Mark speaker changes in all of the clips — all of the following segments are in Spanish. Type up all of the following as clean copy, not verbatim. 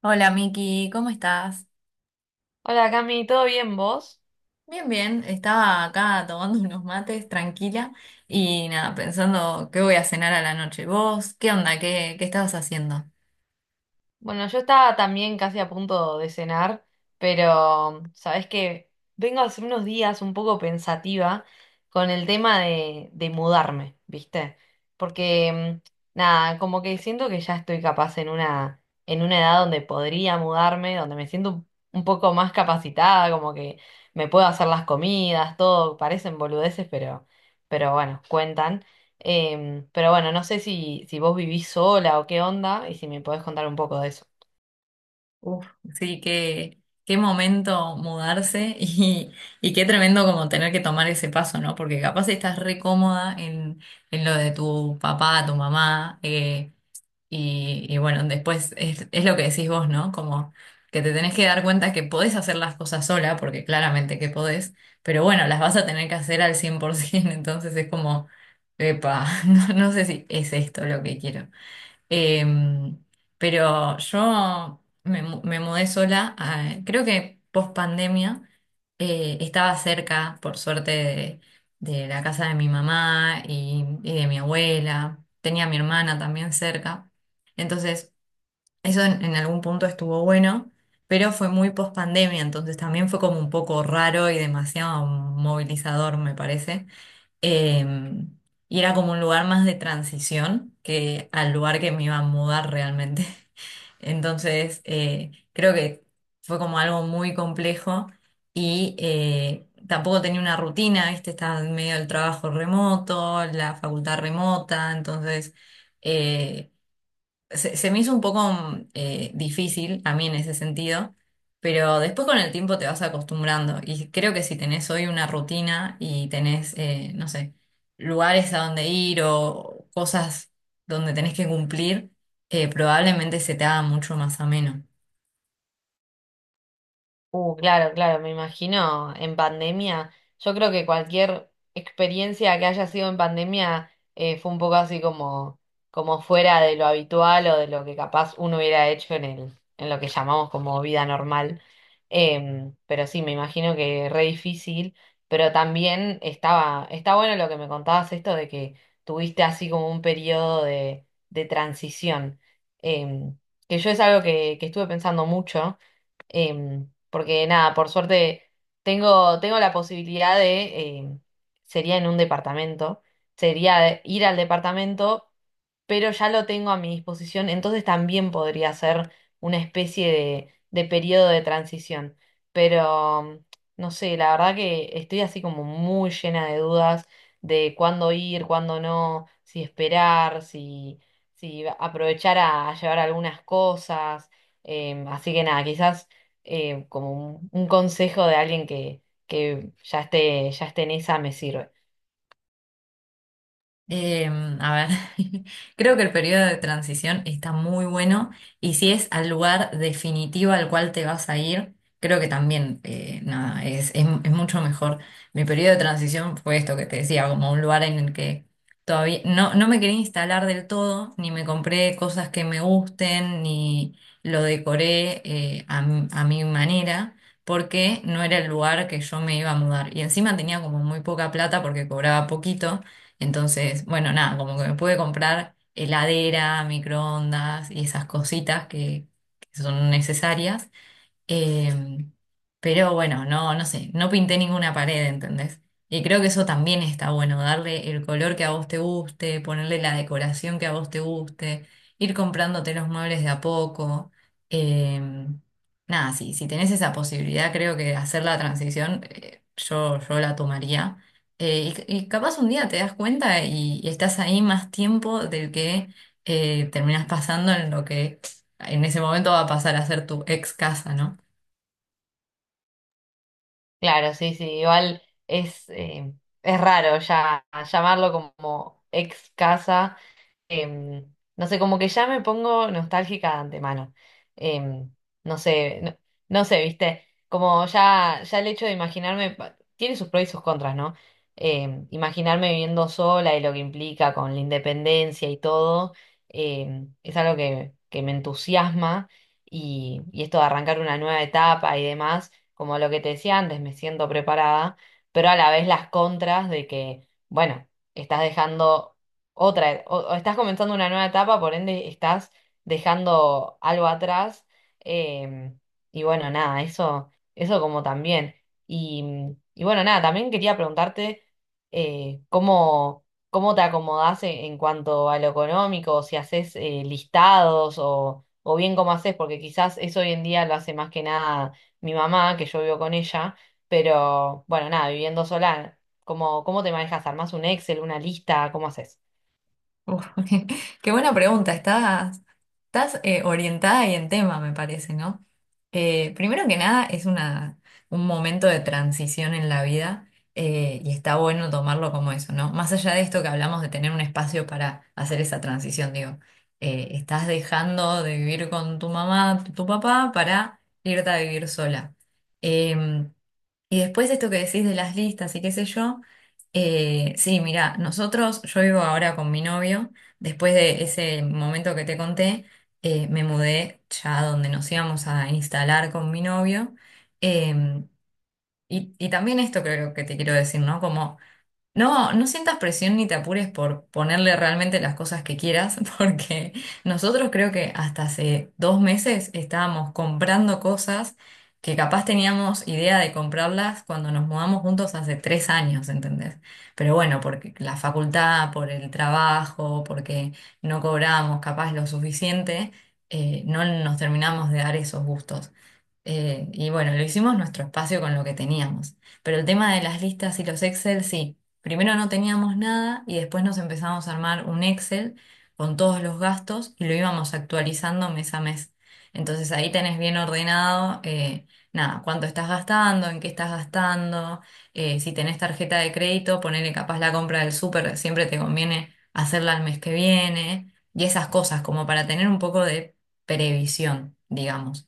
Speaker 1: Hola Miki, ¿cómo estás?
Speaker 2: Hola Cami, ¿todo bien vos?
Speaker 1: Bien, bien, estaba acá tomando unos mates tranquila y nada, pensando qué voy a cenar a la noche. ¿Vos qué onda? ¿Qué estabas haciendo?
Speaker 2: Bueno, yo estaba también casi a punto de cenar, pero sabés que vengo hace unos días un poco pensativa con el tema de mudarme, ¿viste? Porque nada, como que siento que ya estoy capaz en una edad donde podría mudarme, donde me siento un poco más capacitada, como que me puedo hacer las comidas, todo, parecen boludeces, pero bueno, cuentan. Pero bueno, no sé si, si vos vivís sola o qué onda y si me podés contar un poco de eso.
Speaker 1: Uf, sí, qué momento mudarse y qué tremendo como tener que tomar ese paso, ¿no? Porque capaz estás re cómoda en lo de tu papá, tu mamá. Y bueno, después es lo que decís vos, ¿no? Como que te tenés que dar cuenta que podés hacer las cosas sola, porque claramente que podés, pero bueno, las vas a tener que hacer al 100%. Entonces es como, epa, no sé si es esto lo que quiero. Em, pero yo me mudé sola. Creo que post pandemia estaba cerca, por suerte, de la casa de mi mamá y de mi abuela. Tenía a mi hermana también cerca. Entonces, eso en algún punto estuvo bueno, pero fue muy post pandemia, entonces también fue como un poco raro y demasiado movilizador, me parece. Em, y era como un lugar más de transición que al lugar que me iba a mudar realmente. Entonces, creo que fue como algo muy complejo y tampoco tenía una rutina, ¿viste? Estaba en medio del trabajo remoto, la facultad remota, entonces… eh, se me hizo un poco difícil a mí en ese sentido, pero después con el tiempo te vas acostumbrando y creo que si tenés hoy una rutina y tenés, no sé, lugares a donde ir o cosas donde tenés que cumplir, probablemente se te haga mucho más ameno.
Speaker 2: Claro, claro, me imagino en pandemia. Yo creo que cualquier experiencia que haya sido en pandemia fue un poco así como, como fuera de lo habitual o de lo que capaz uno hubiera hecho en el, en lo que llamamos como vida normal. Pero sí, me imagino que re difícil, pero también estaba, está bueno lo que me contabas esto de que tuviste así como un periodo de transición. Em, que yo es algo que estuve pensando mucho. Porque nada, por suerte tengo, tengo la posibilidad de, sería en un departamento, sería ir al departamento, pero ya lo tengo a mi disposición, entonces también podría ser una especie de periodo de transición. Pero no sé, la verdad que estoy así como muy llena de dudas de cuándo ir, cuándo no, si esperar, si, si aprovechar a llevar algunas cosas. Así que nada, quizás como un consejo de alguien que ya esté en esa me sirve.
Speaker 1: Eh, a ver, creo que el periodo de transición está muy bueno y si es al lugar definitivo al cual te vas a ir, creo que también, nada, es mucho mejor. Mi periodo de transición fue esto que te decía, como un lugar en el que todavía no me quería instalar del todo, ni me compré cosas que me gusten, ni lo decoré, a mi manera, porque no era el lugar que yo me iba a mudar. Y encima tenía como muy poca plata porque cobraba poquito. Entonces, bueno, nada, como que me pude comprar heladera, microondas y esas cositas que son necesarias. Eh, pero bueno, no sé, no pinté ninguna pared, ¿entendés? Y creo que eso también está bueno, darle el color que a vos te guste, ponerle la decoración que a vos te guste, ir comprándote los muebles de a poco. Eh, Nada, sí, si tenés esa posibilidad, creo que hacer la transición, yo la tomaría. Y capaz un día te das cuenta y estás ahí más tiempo del que terminás pasando en lo que en ese momento va a pasar a ser tu ex casa, ¿no?
Speaker 2: Claro, sí, sí, igual es raro ya llamarlo como ex casa. No sé, como que ya me pongo nostálgica de antemano. Em, no sé, no, no sé, viste, como ya, ya el hecho de imaginarme, pa- tiene sus pros y sus contras, ¿no? Imaginarme viviendo sola y lo que implica con la independencia y todo, es algo que me entusiasma y esto de arrancar una nueva etapa y demás, como lo que te decía antes, me siento preparada, pero a la vez las contras de que, bueno, estás dejando otra, o estás comenzando una nueva etapa, por ende estás dejando algo atrás. em, y bueno, nada, eso como también. Y, y bueno, nada, también quería preguntarte cómo, cómo te acomodás en cuanto a lo económico, si haces listados o bien cómo haces, porque quizás eso hoy en día lo hace más que nada mi mamá, que yo vivo con ella, pero bueno, nada, viviendo sola, ¿cómo, cómo te manejas? ¿Armás un Excel, una lista? ¿Cómo haces?
Speaker 1: Uf, qué buena pregunta. Estás orientada y en tema, me parece, ¿no? Primero que nada, un momento de transición en la vida, y está bueno tomarlo como eso, ¿no? Más allá de esto que hablamos de tener un espacio para hacer esa transición, digo, estás dejando de vivir con tu mamá, tu papá, para irte a vivir sola. Em, y después esto que decís de las listas y qué sé yo, sí, mira, nosotros, yo vivo ahora con mi novio, después de ese momento que te conté. Me mudé ya a donde nos íbamos a instalar con mi novio. eh, y también esto creo que te quiero decir, ¿no? Como no sientas presión ni te apures por ponerle realmente las cosas que quieras, porque nosotros creo que hasta hace dos meses estábamos comprando cosas que capaz teníamos idea de comprarlas cuando nos mudamos juntos hace tres años, ¿entendés? Pero bueno, porque la facultad, por el trabajo, porque no cobramos capaz lo suficiente, no nos terminamos de dar esos gustos. Y bueno, lo hicimos nuestro espacio con lo que teníamos. Pero el tema de las listas y los Excel, sí. Primero no teníamos nada y después nos empezamos a armar un Excel con todos los gastos y lo íbamos actualizando mes a mes. Entonces ahí tenés bien ordenado, nada, cuánto estás gastando, en qué estás gastando, si tenés tarjeta de crédito, ponele capaz la compra del súper, siempre te conviene hacerla el mes que viene y esas cosas como para tener un poco de previsión, digamos.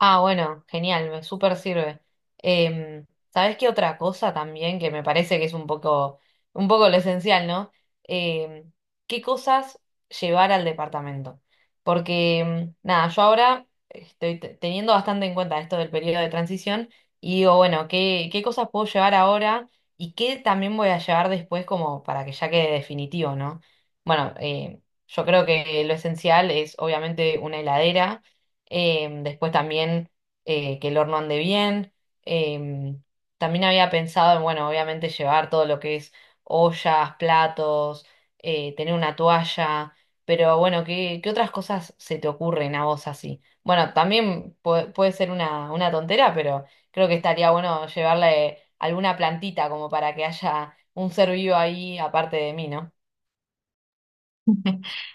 Speaker 2: Ah, bueno, genial, me súper sirve. Em, ¿Sabés qué otra cosa también que me parece que es un poco lo esencial, ¿no? Em, ¿Qué cosas llevar al departamento? Porque, nada, yo ahora estoy te- teniendo bastante en cuenta esto del periodo de transición y digo, bueno, ¿qué, qué cosas puedo llevar ahora y qué también voy a llevar después como para que ya quede definitivo, ¿no? Bueno, yo creo que lo esencial es obviamente una heladera. Em, después también que el horno ande bien. Em, También había pensado en, bueno, obviamente llevar todo lo que es ollas, platos, tener una toalla, pero bueno, ¿qué, qué otras cosas se te ocurren a vos así? Bueno, también pue- puede ser una tontera, pero creo que estaría bueno llevarle alguna plantita como para que haya un ser vivo ahí aparte de mí, ¿no?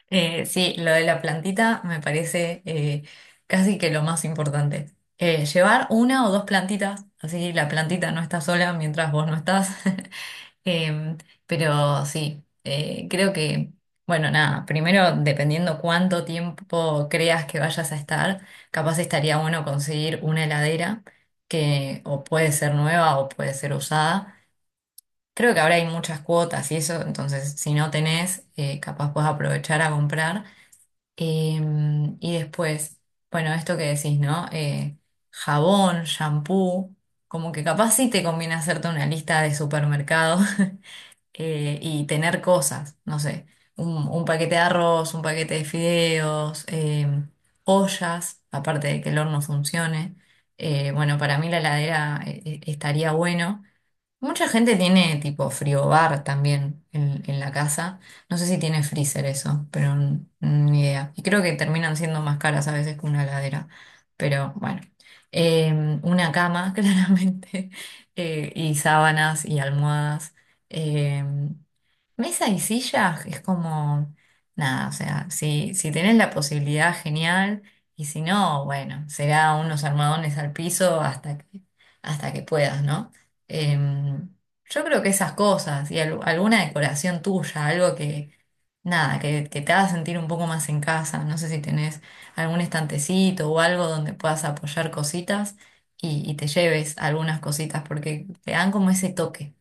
Speaker 1: Sí, lo de la plantita me parece casi que lo más importante. Llevar una o dos plantitas, así la plantita no está sola mientras vos no estás. Em, pero sí, creo que, bueno, nada, primero dependiendo cuánto tiempo creas que vayas a estar, capaz estaría bueno conseguir una heladera que o puede ser nueva o puede ser usada. Creo que ahora hay muchas cuotas y eso, entonces si no tenés, capaz puedes aprovechar a comprar. Y después, bueno, esto que decís, ¿no? Jabón, shampoo, como que capaz sí te conviene hacerte una lista de supermercado. Y tener cosas, no sé, un paquete de arroz, un paquete de fideos, ollas, aparte de que el horno funcione. Bueno, para mí la heladera estaría bueno. Mucha gente tiene tipo friobar también en la casa. No sé si tiene freezer eso, pero ni idea. Y creo que terminan siendo más caras a veces que una heladera. Pero bueno. Eh, una cama, claramente, y sábanas y almohadas. Em, Mesa y sillas es como, nada, o sea, si tenés la posibilidad, genial, y si no, bueno, será unos armadones al piso hasta hasta que puedas, ¿no? Em, yo creo que esas cosas y alguna decoración tuya, algo nada, que te haga sentir un poco más en casa, no sé si tenés algún estantecito o algo donde puedas apoyar cositas y te lleves algunas cositas porque te dan como ese toque.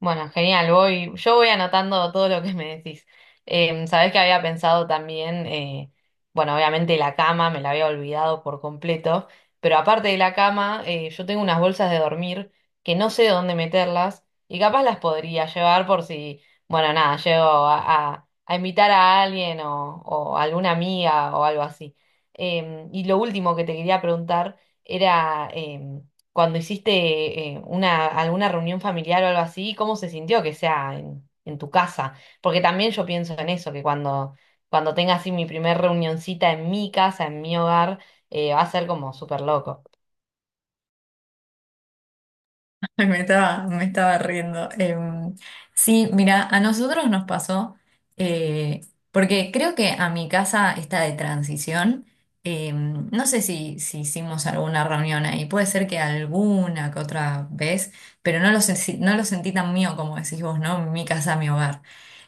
Speaker 2: Bueno, genial, voy, yo voy anotando todo lo que me decís. Sabés que había pensado también, bueno, obviamente la cama, me la había olvidado por completo, pero aparte de la cama, yo tengo unas bolsas de dormir que no sé dónde meterlas y capaz las podría llevar por si, bueno, nada, llego a invitar a alguien o alguna amiga o algo así. Y lo último que te quería preguntar era... cuando hiciste una, alguna reunión familiar o algo así, ¿cómo se sintió que sea en tu casa? Porque también yo pienso en eso, que cuando, cuando tenga así mi primer reunioncita en mi casa, en mi hogar, va a ser como súper loco.
Speaker 1: Me estaba riendo. Sí, mira, a nosotros nos pasó, eh, porque creo que a mi casa está de transición. No sé si hicimos alguna reunión ahí, puede ser que alguna que otra vez, pero sé no lo sentí tan mío como decís vos, ¿no? Mi casa, mi hogar.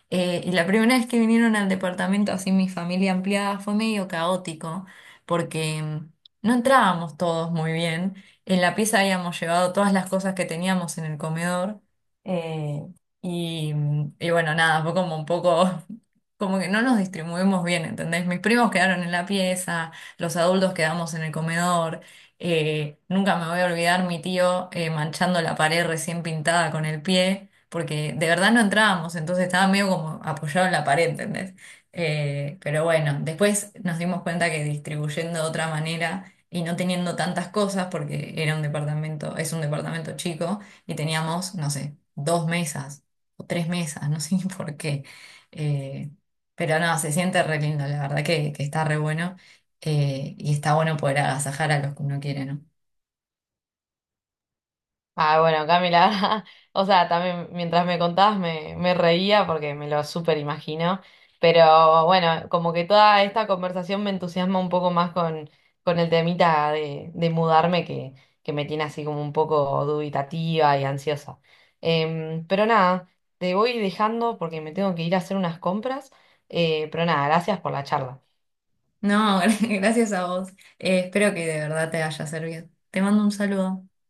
Speaker 1: Y la primera vez que vinieron al departamento, así mi familia ampliada, fue medio caótico, porque no entrábamos todos muy bien. En la pieza habíamos llevado todas las cosas que teníamos en el comedor. eh, y bueno, nada, fue como un poco, como que no nos distribuimos bien, ¿entendés? Mis primos quedaron en la pieza, los adultos quedamos en el comedor. Nunca me voy a olvidar mi tío manchando la pared recién pintada con el pie porque de verdad no entrábamos, entonces estaba medio como apoyado en la pared, ¿entendés? Pero bueno, después nos dimos cuenta que distribuyendo de otra manera y no teniendo tantas cosas, porque era un departamento, es un departamento chico, y teníamos, no sé, dos mesas o tres mesas, no sé ni por qué. Eh, pero no, se siente re lindo, la verdad que está re bueno, y está bueno poder agasajar a los que uno quiere, ¿no?
Speaker 2: Ah, bueno, Camila, o sea, también mientras me contabas me, me reía porque me lo súper imagino, pero bueno, como que toda esta conversación me entusiasma un poco más con el temita de mudarme que me tiene así como un poco dubitativa y ansiosa. Pero nada, te voy dejando porque me tengo que ir a hacer unas compras, pero nada, gracias por la charla.
Speaker 1: No, gracias a vos. Espero que de verdad te haya servido. Te mando un saludo.